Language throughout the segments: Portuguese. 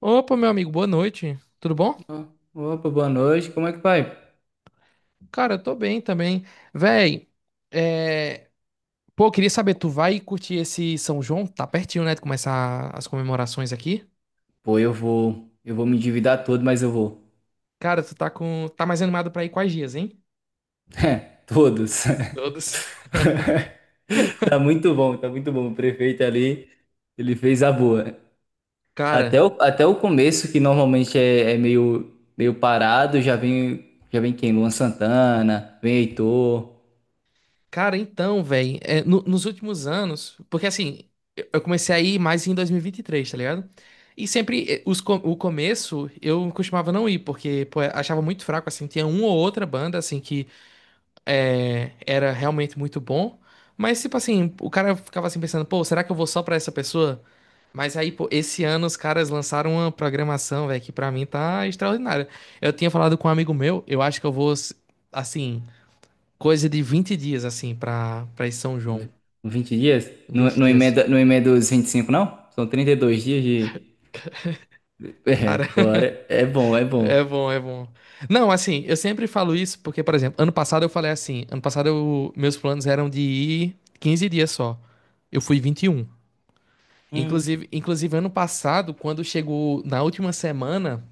Opa, meu amigo, boa noite. Tudo bom? Ó, opa, boa noite. Como é que vai? Cara, eu tô bem também. Véi, é... pô, queria saber, tu vai curtir esse São João? Tá pertinho, né, de começar as comemorações aqui. Pô, eu vou me endividar todo, mas eu vou. Cara, tá mais animado pra ir quais dias, hein? É, todos. Todos. Tá muito bom, tá muito bom. O prefeito ali, ele fez a boa. Cara, Até o começo, que normalmente é meio parado, já vem quem? Luan Santana, vem Heitor. cara, então, véi, nos últimos anos, porque assim, eu comecei a ir mais em dois mil e vinte e três, tá ligado? E sempre o começo eu costumava não ir, porque pô, eu achava muito fraco, assim, tinha uma ou outra banda, assim, era realmente muito bom. Mas, tipo assim, o cara ficava assim pensando, pô, será que eu vou só pra essa pessoa? Mas aí, pô, esse ano os caras lançaram uma programação, velho, que pra mim tá extraordinária. Eu tinha falado com um amigo meu, eu acho que eu vou, assim, coisa de 20 dias, assim, pra ir São João. Uns 20 dias? Não, 20 não dias. emenda, não emenda os 25, não? São 32 dias de... É, Cara, bora. É bom, é bom. é bom, é bom. Não, assim, eu sempre falo isso porque, por exemplo, ano passado eu falei assim, ano passado meus planos eram de ir 15 dias só. Eu fui 21. Hum, Inclusive, ano passado, quando chegou na última semana,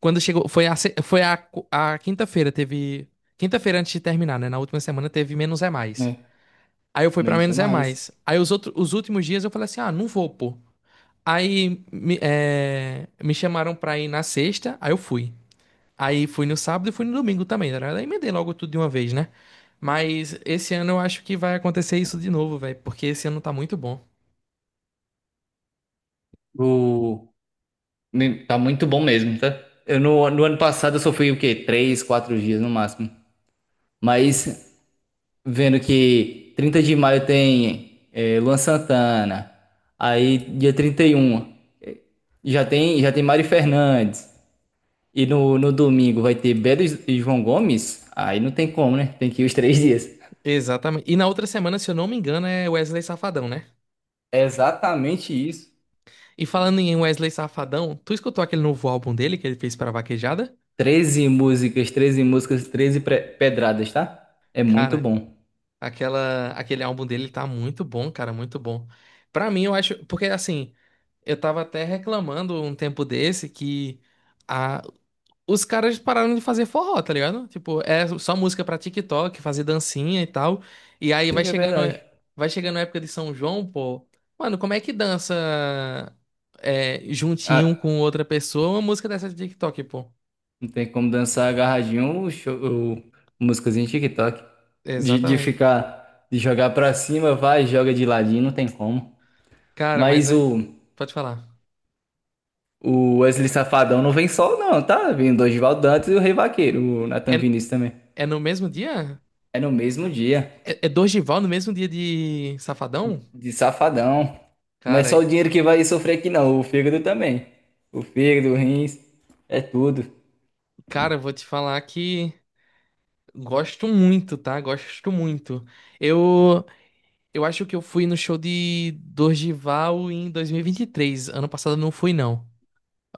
quando chegou, foi a, se- foi a, qu- a quinta-feira teve. Quinta-feira antes de terminar, né? Na última semana teve menos é mais. é. Aí eu fui Também pra não sei menos é mais. mais. Aí os outros, os últimos dias eu falei assim: ah, não vou, pô. Aí me chamaram pra ir na sexta, aí eu fui. Aí fui no sábado e fui no domingo também, tá ligado? Aí emendei logo tudo de uma vez, né? Mas esse ano eu acho que vai acontecer isso de novo, velho, porque esse ano tá muito bom. O... Tá muito bom mesmo, tá? Eu no ano passado eu só fui o quê? 3, 4 dias no máximo. Mas vendo que 30 de maio tem Luan Santana, aí dia 31 é, já tem Mário Fernandes, e no domingo vai ter Belo e João Gomes, aí não tem como, né? Tem que ir os 3 dias. Exatamente. E na outra semana, se eu não me engano, é Wesley Safadão, né? É exatamente isso. E falando em Wesley Safadão, tu escutou aquele novo álbum dele que ele fez pra Vaquejada? 13 músicas, 13 músicas, 13 pedradas, tá? É muito Cara, bom. Aquele álbum dele tá muito bom, cara, muito bom. Pra mim, eu acho, porque assim, eu tava até reclamando um tempo desse que os caras pararam de fazer forró, tá ligado? Tipo, é só música pra TikTok, fazer dancinha e tal. E aí Isso que é verdade. vai chegando a época de São João, pô. Mano, como é que dança juntinho um Ah, com outra pessoa uma música dessa de TikTok, pô? não tem como dançar agarradinho o show, o- músicas em TikTok. De Exatamente. ficar, de jogar pra cima, vai, joga de ladinho, não tem como. Cara, mas Mas é. o, Pode falar. o Wesley Safadão não vem só, não, tá? Vem o Dorival Dantas e o Rei Vaqueiro, o Nathan É, Vinícius também. é no mesmo dia? É no mesmo dia, É, é Dorgival no mesmo dia de Safadão? de Safadão. Não é Cara, só o dinheiro que vai sofrer aqui, não, o fígado também. O fígado, o rins, é tudo. Eu vou te falar que gosto muito, tá? Gosto muito. Eu. Eu acho que eu fui no show de Dorgival em dois mil e vinte e três. Ano passado eu não fui, não.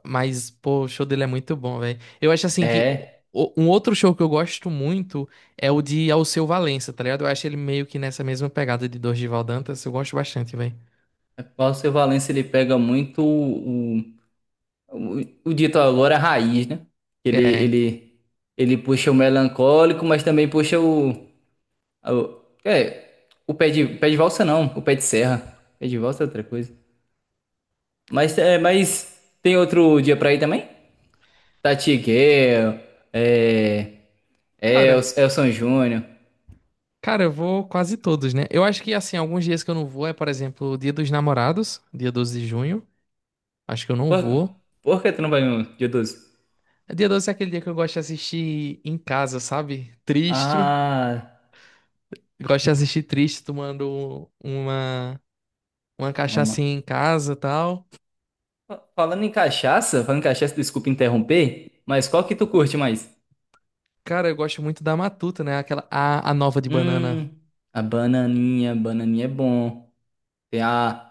Mas, pô, o show dele é muito bom, velho. Eu acho assim que É, um outro show que eu gosto muito é o de Alceu Valença, tá ligado? Eu acho ele meio que nessa mesma pegada de Dorgival Dantas. Eu gosto bastante, velho. o Paulo Silva Valença, ele pega muito o dito agora é raiz, né? Ele, É. ele, ele puxa o melancólico, mas também puxa o pé de valsa não, o pé de serra. Pé de valsa é outra coisa. Mas, mas tem outro dia pra ir também? Tati Guerra, é, Cara, Elson Júnior. Eu vou quase todos, né? Eu acho que, assim, alguns dias que eu não vou é, por exemplo, o Dia dos Namorados, dia 12 de junho. Acho que eu não Por, vou. por que tu não vai no dia 12? Dia 12 é aquele dia que eu gosto de assistir em casa, sabe? Triste. Ah, Gosto de assistir triste tomando uma mama. cachaçinha em casa e tal. Falando em cachaça, desculpa interromper, mas qual que tu curte mais? Cara, eu gosto muito da Matuta, né? A nova de banana. Hum, a bananinha, bananinha é bom. Tem a,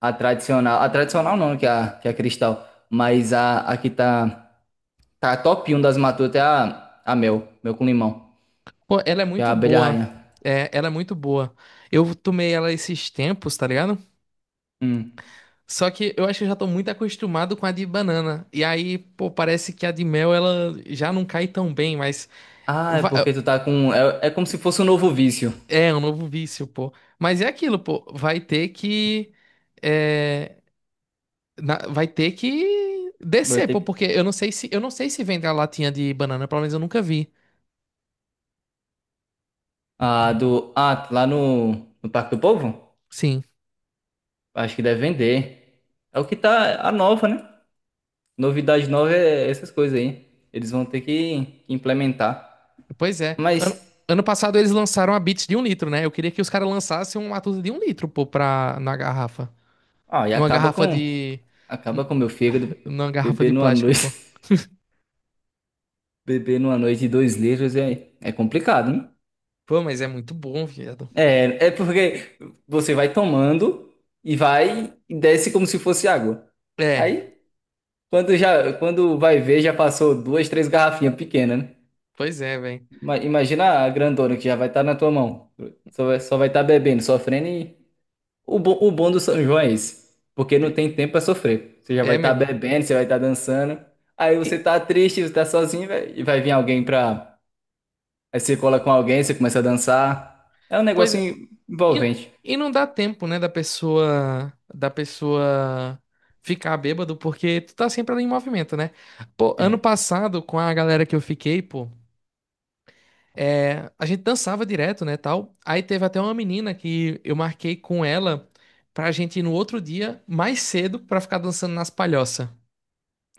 a tradicional, a tradicional não, que é a cristal, mas a que tá top um das matutas é a mel, mel com limão, Pô, ela é que é a muito abelha boa. rainha. É, ela é muito boa. Eu tomei ela esses tempos, tá ligado? Hum. Só que eu acho que eu já tô muito acostumado com a de banana. E aí, pô, parece que a de mel, ela já não cai tão bem, mas... Ah, é porque va- tu tá com, é como se fosse um novo vício. É, é um novo vício, pô. Mas é aquilo, pô. Vai ter que... é, vai ter que Vai descer, ter pô, que- porque eu não sei se vende a latinha de banana, pelo menos eu nunca vi. Ah, lá no Parque do Povo? Sim. Acho que deve vender. É o que tá, a nova, né? Novidade nova é essas coisas aí. Eles vão ter que implementar. Pois é. Mas... Ano passado eles lançaram a Beats de 1 litro, né? Eu queria que os caras lançassem uma Matuza de 1 litro, pô, na garrafa. Ah, e Numa acaba garrafa com de. acaba n- com meu fígado. Numa garrafa Beber de numa plástico, pô. noite, beber numa noite de 2 litros é complicado, né? Pô, mas é muito bom, viado. É porque você vai tomando e vai e desce como se fosse água. É, Aí, quando vai ver, já passou 2, 3 garrafinhas pequenas, né? pois é, velho. Imagina a grandona que já vai estar na tua mão. Só vai estar bebendo, sofrendo. E o bom do São João é esse, porque não tem tempo pra sofrer. Você já vai É estar mesmo. bebendo, você vai estar dançando. Aí você E, tá triste, você tá sozinho, e vai vir alguém pra... Aí você cola com alguém, você começa a dançar. É um pois negócio é, E, envolvente. e não dá tempo, né, da pessoa ficar bêbado, porque tu tá sempre ali em movimento, né? Pô, ano É. passado, com a galera que eu fiquei, pô, a gente dançava direto, né, tal. Aí teve até uma menina que eu marquei com ela pra gente ir no outro dia, mais cedo, pra ficar dançando nas palhoças.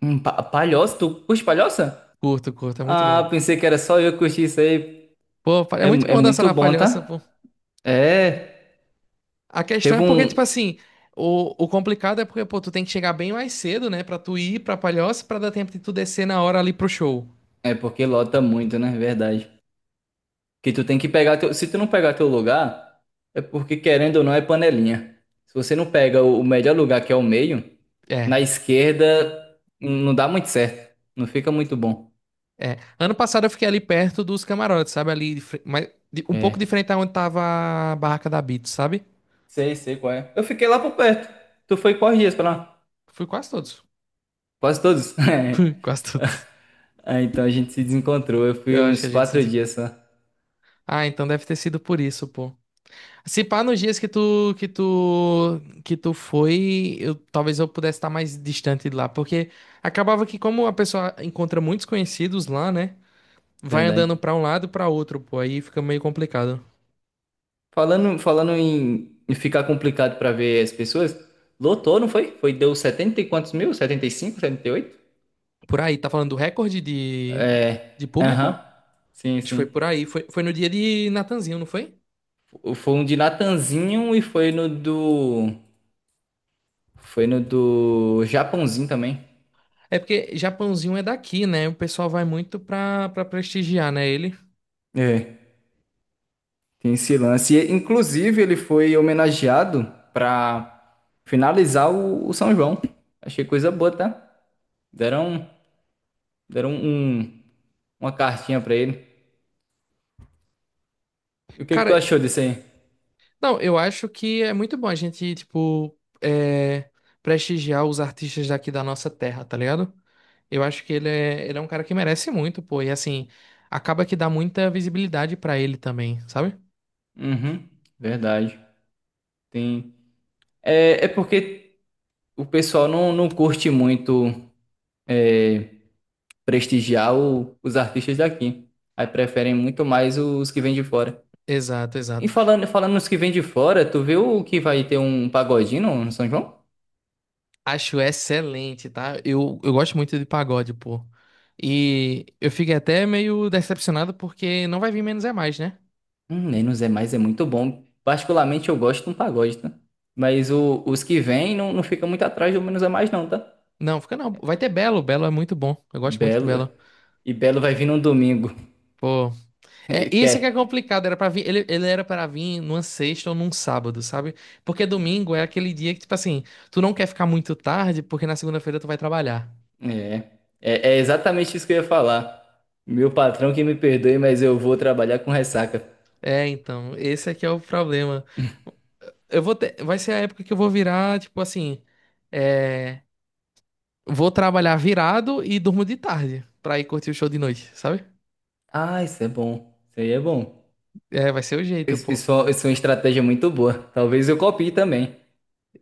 Palhoça? Tu curte palhoça? Curto, curto, é muito Ah, bom. pensei que era só eu que curti isso aí. Pô, é É, muito mu- é bom dançar muito na bom, palhoça, pô. tá? É. A questão Teve é porque, tipo um. assim, o complicado é porque, pô, tu tem que chegar bem mais cedo, né? Pra tu ir pra Palhoça, pra dar tempo de tu descer na hora ali pro show. É porque lota muito, né? Verdade. Que tu tem que pegar teu, se tu não pegar teu lugar, é porque querendo ou não é panelinha. Se você não pega o melhor lugar, que é o meio, É, na esquerda não dá muito certo, não fica muito bom. é. Ano passado eu fiquei ali perto dos camarotes, sabe? Ali, de fre- mas de- um pouco É. diferente aonde tava a barraca da Beats, sabe? Sei, sei qual é. Eu fiquei lá por perto. Tu foi quais dias pra lá? Fui quase todos. Quase todos. É. Fui quase todos. Ah, então a gente se desencontrou. Eu fui Eu acho que uns a gente se... quatro des- dias só. Ah, então deve ter sido por isso, pô. Se pá, nos dias que tu foi, eu talvez eu pudesse estar mais distante de lá, porque acabava que como a pessoa encontra muitos conhecidos lá, né? Vai andando Verdade. pra um lado e pra outro, pô, aí fica meio complicado. Falando em ficar complicado pra ver as pessoas, lotou, não foi? Foi, deu 70 e quantos mil? 70, 75, 78. Por aí, tá falando do recorde É. de público? Aham. Sim, Acho que foi sim. por aí, foi no dia de Natanzinho, não foi? Foi um de Natanzinho e foi no do... Foi no do Japãozinho também. É porque Japãozinho é daqui, né? O pessoal vai muito pra prestigiar, né, ele. É. Tem esse lance. E, inclusive, ele foi homenageado pra finalizar o São João. Achei coisa boa, tá? Deram, deram um, uma cartinha pra ele. E o que que tu Cara, achou disso aí? não, eu acho que é muito bom a gente, tipo, prestigiar os artistas daqui da nossa terra, tá ligado? Eu acho que ele é um cara que merece muito, pô. E assim, acaba que dá muita visibilidade pra ele também, sabe? Uhum, verdade. Tem. É porque o pessoal não curte muito. Prestigiar os artistas daqui. Aí preferem muito mais os que vêm de fora. Exato, E exato. falando nos que vêm de fora, tu viu que vai ter um pagodinho no São João? Acho excelente, tá? Eu gosto muito de pagode, pô. E eu fiquei até meio decepcionado porque não vai vir Menos é Mais, né? Nem nos é mais, é muito bom. Particularmente eu gosto de um pagode, tá? Mas os que vêm não fica muito atrás do menos é mais, não, tá? Não, fica não. Vai ter Belo. Belo é muito bom. Eu gosto muito de Belo. Belo. E Belo vai vir num domingo. Pô. É, isso é que é Quer? complicado, era para vir, ele era para vir numa sexta ou num sábado, sabe? Porque domingo é aquele dia que, tipo assim, tu não quer ficar muito tarde, porque na segunda-feira tu vai trabalhar. É. É exatamente isso que eu ia falar. Meu patrão que me perdoe, mas eu vou trabalhar com ressaca. É, então, esse aqui é o problema. Vai ser a época que eu vou virar, tipo assim, é, vou trabalhar virado e durmo de tarde pra ir curtir o show de noite, sabe? Ah, isso é bom. Isso aí é bom. É, vai ser o jeito, Isso, pô. isso é isso é uma estratégia muito boa. Talvez eu copie também.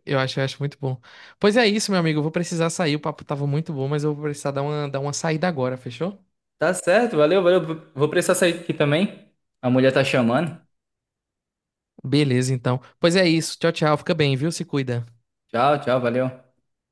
Eu acho muito bom. Pois é isso, meu amigo, eu vou precisar sair, o papo tava muito bom, mas eu vou precisar dar uma saída agora, fechou? Tá certo, valeu, valeu. Vou precisar sair aqui também. A mulher tá chamando. Beleza, então. Pois é isso. Tchau, tchau. Fica bem, viu? Se cuida. Tchau, tchau, valeu.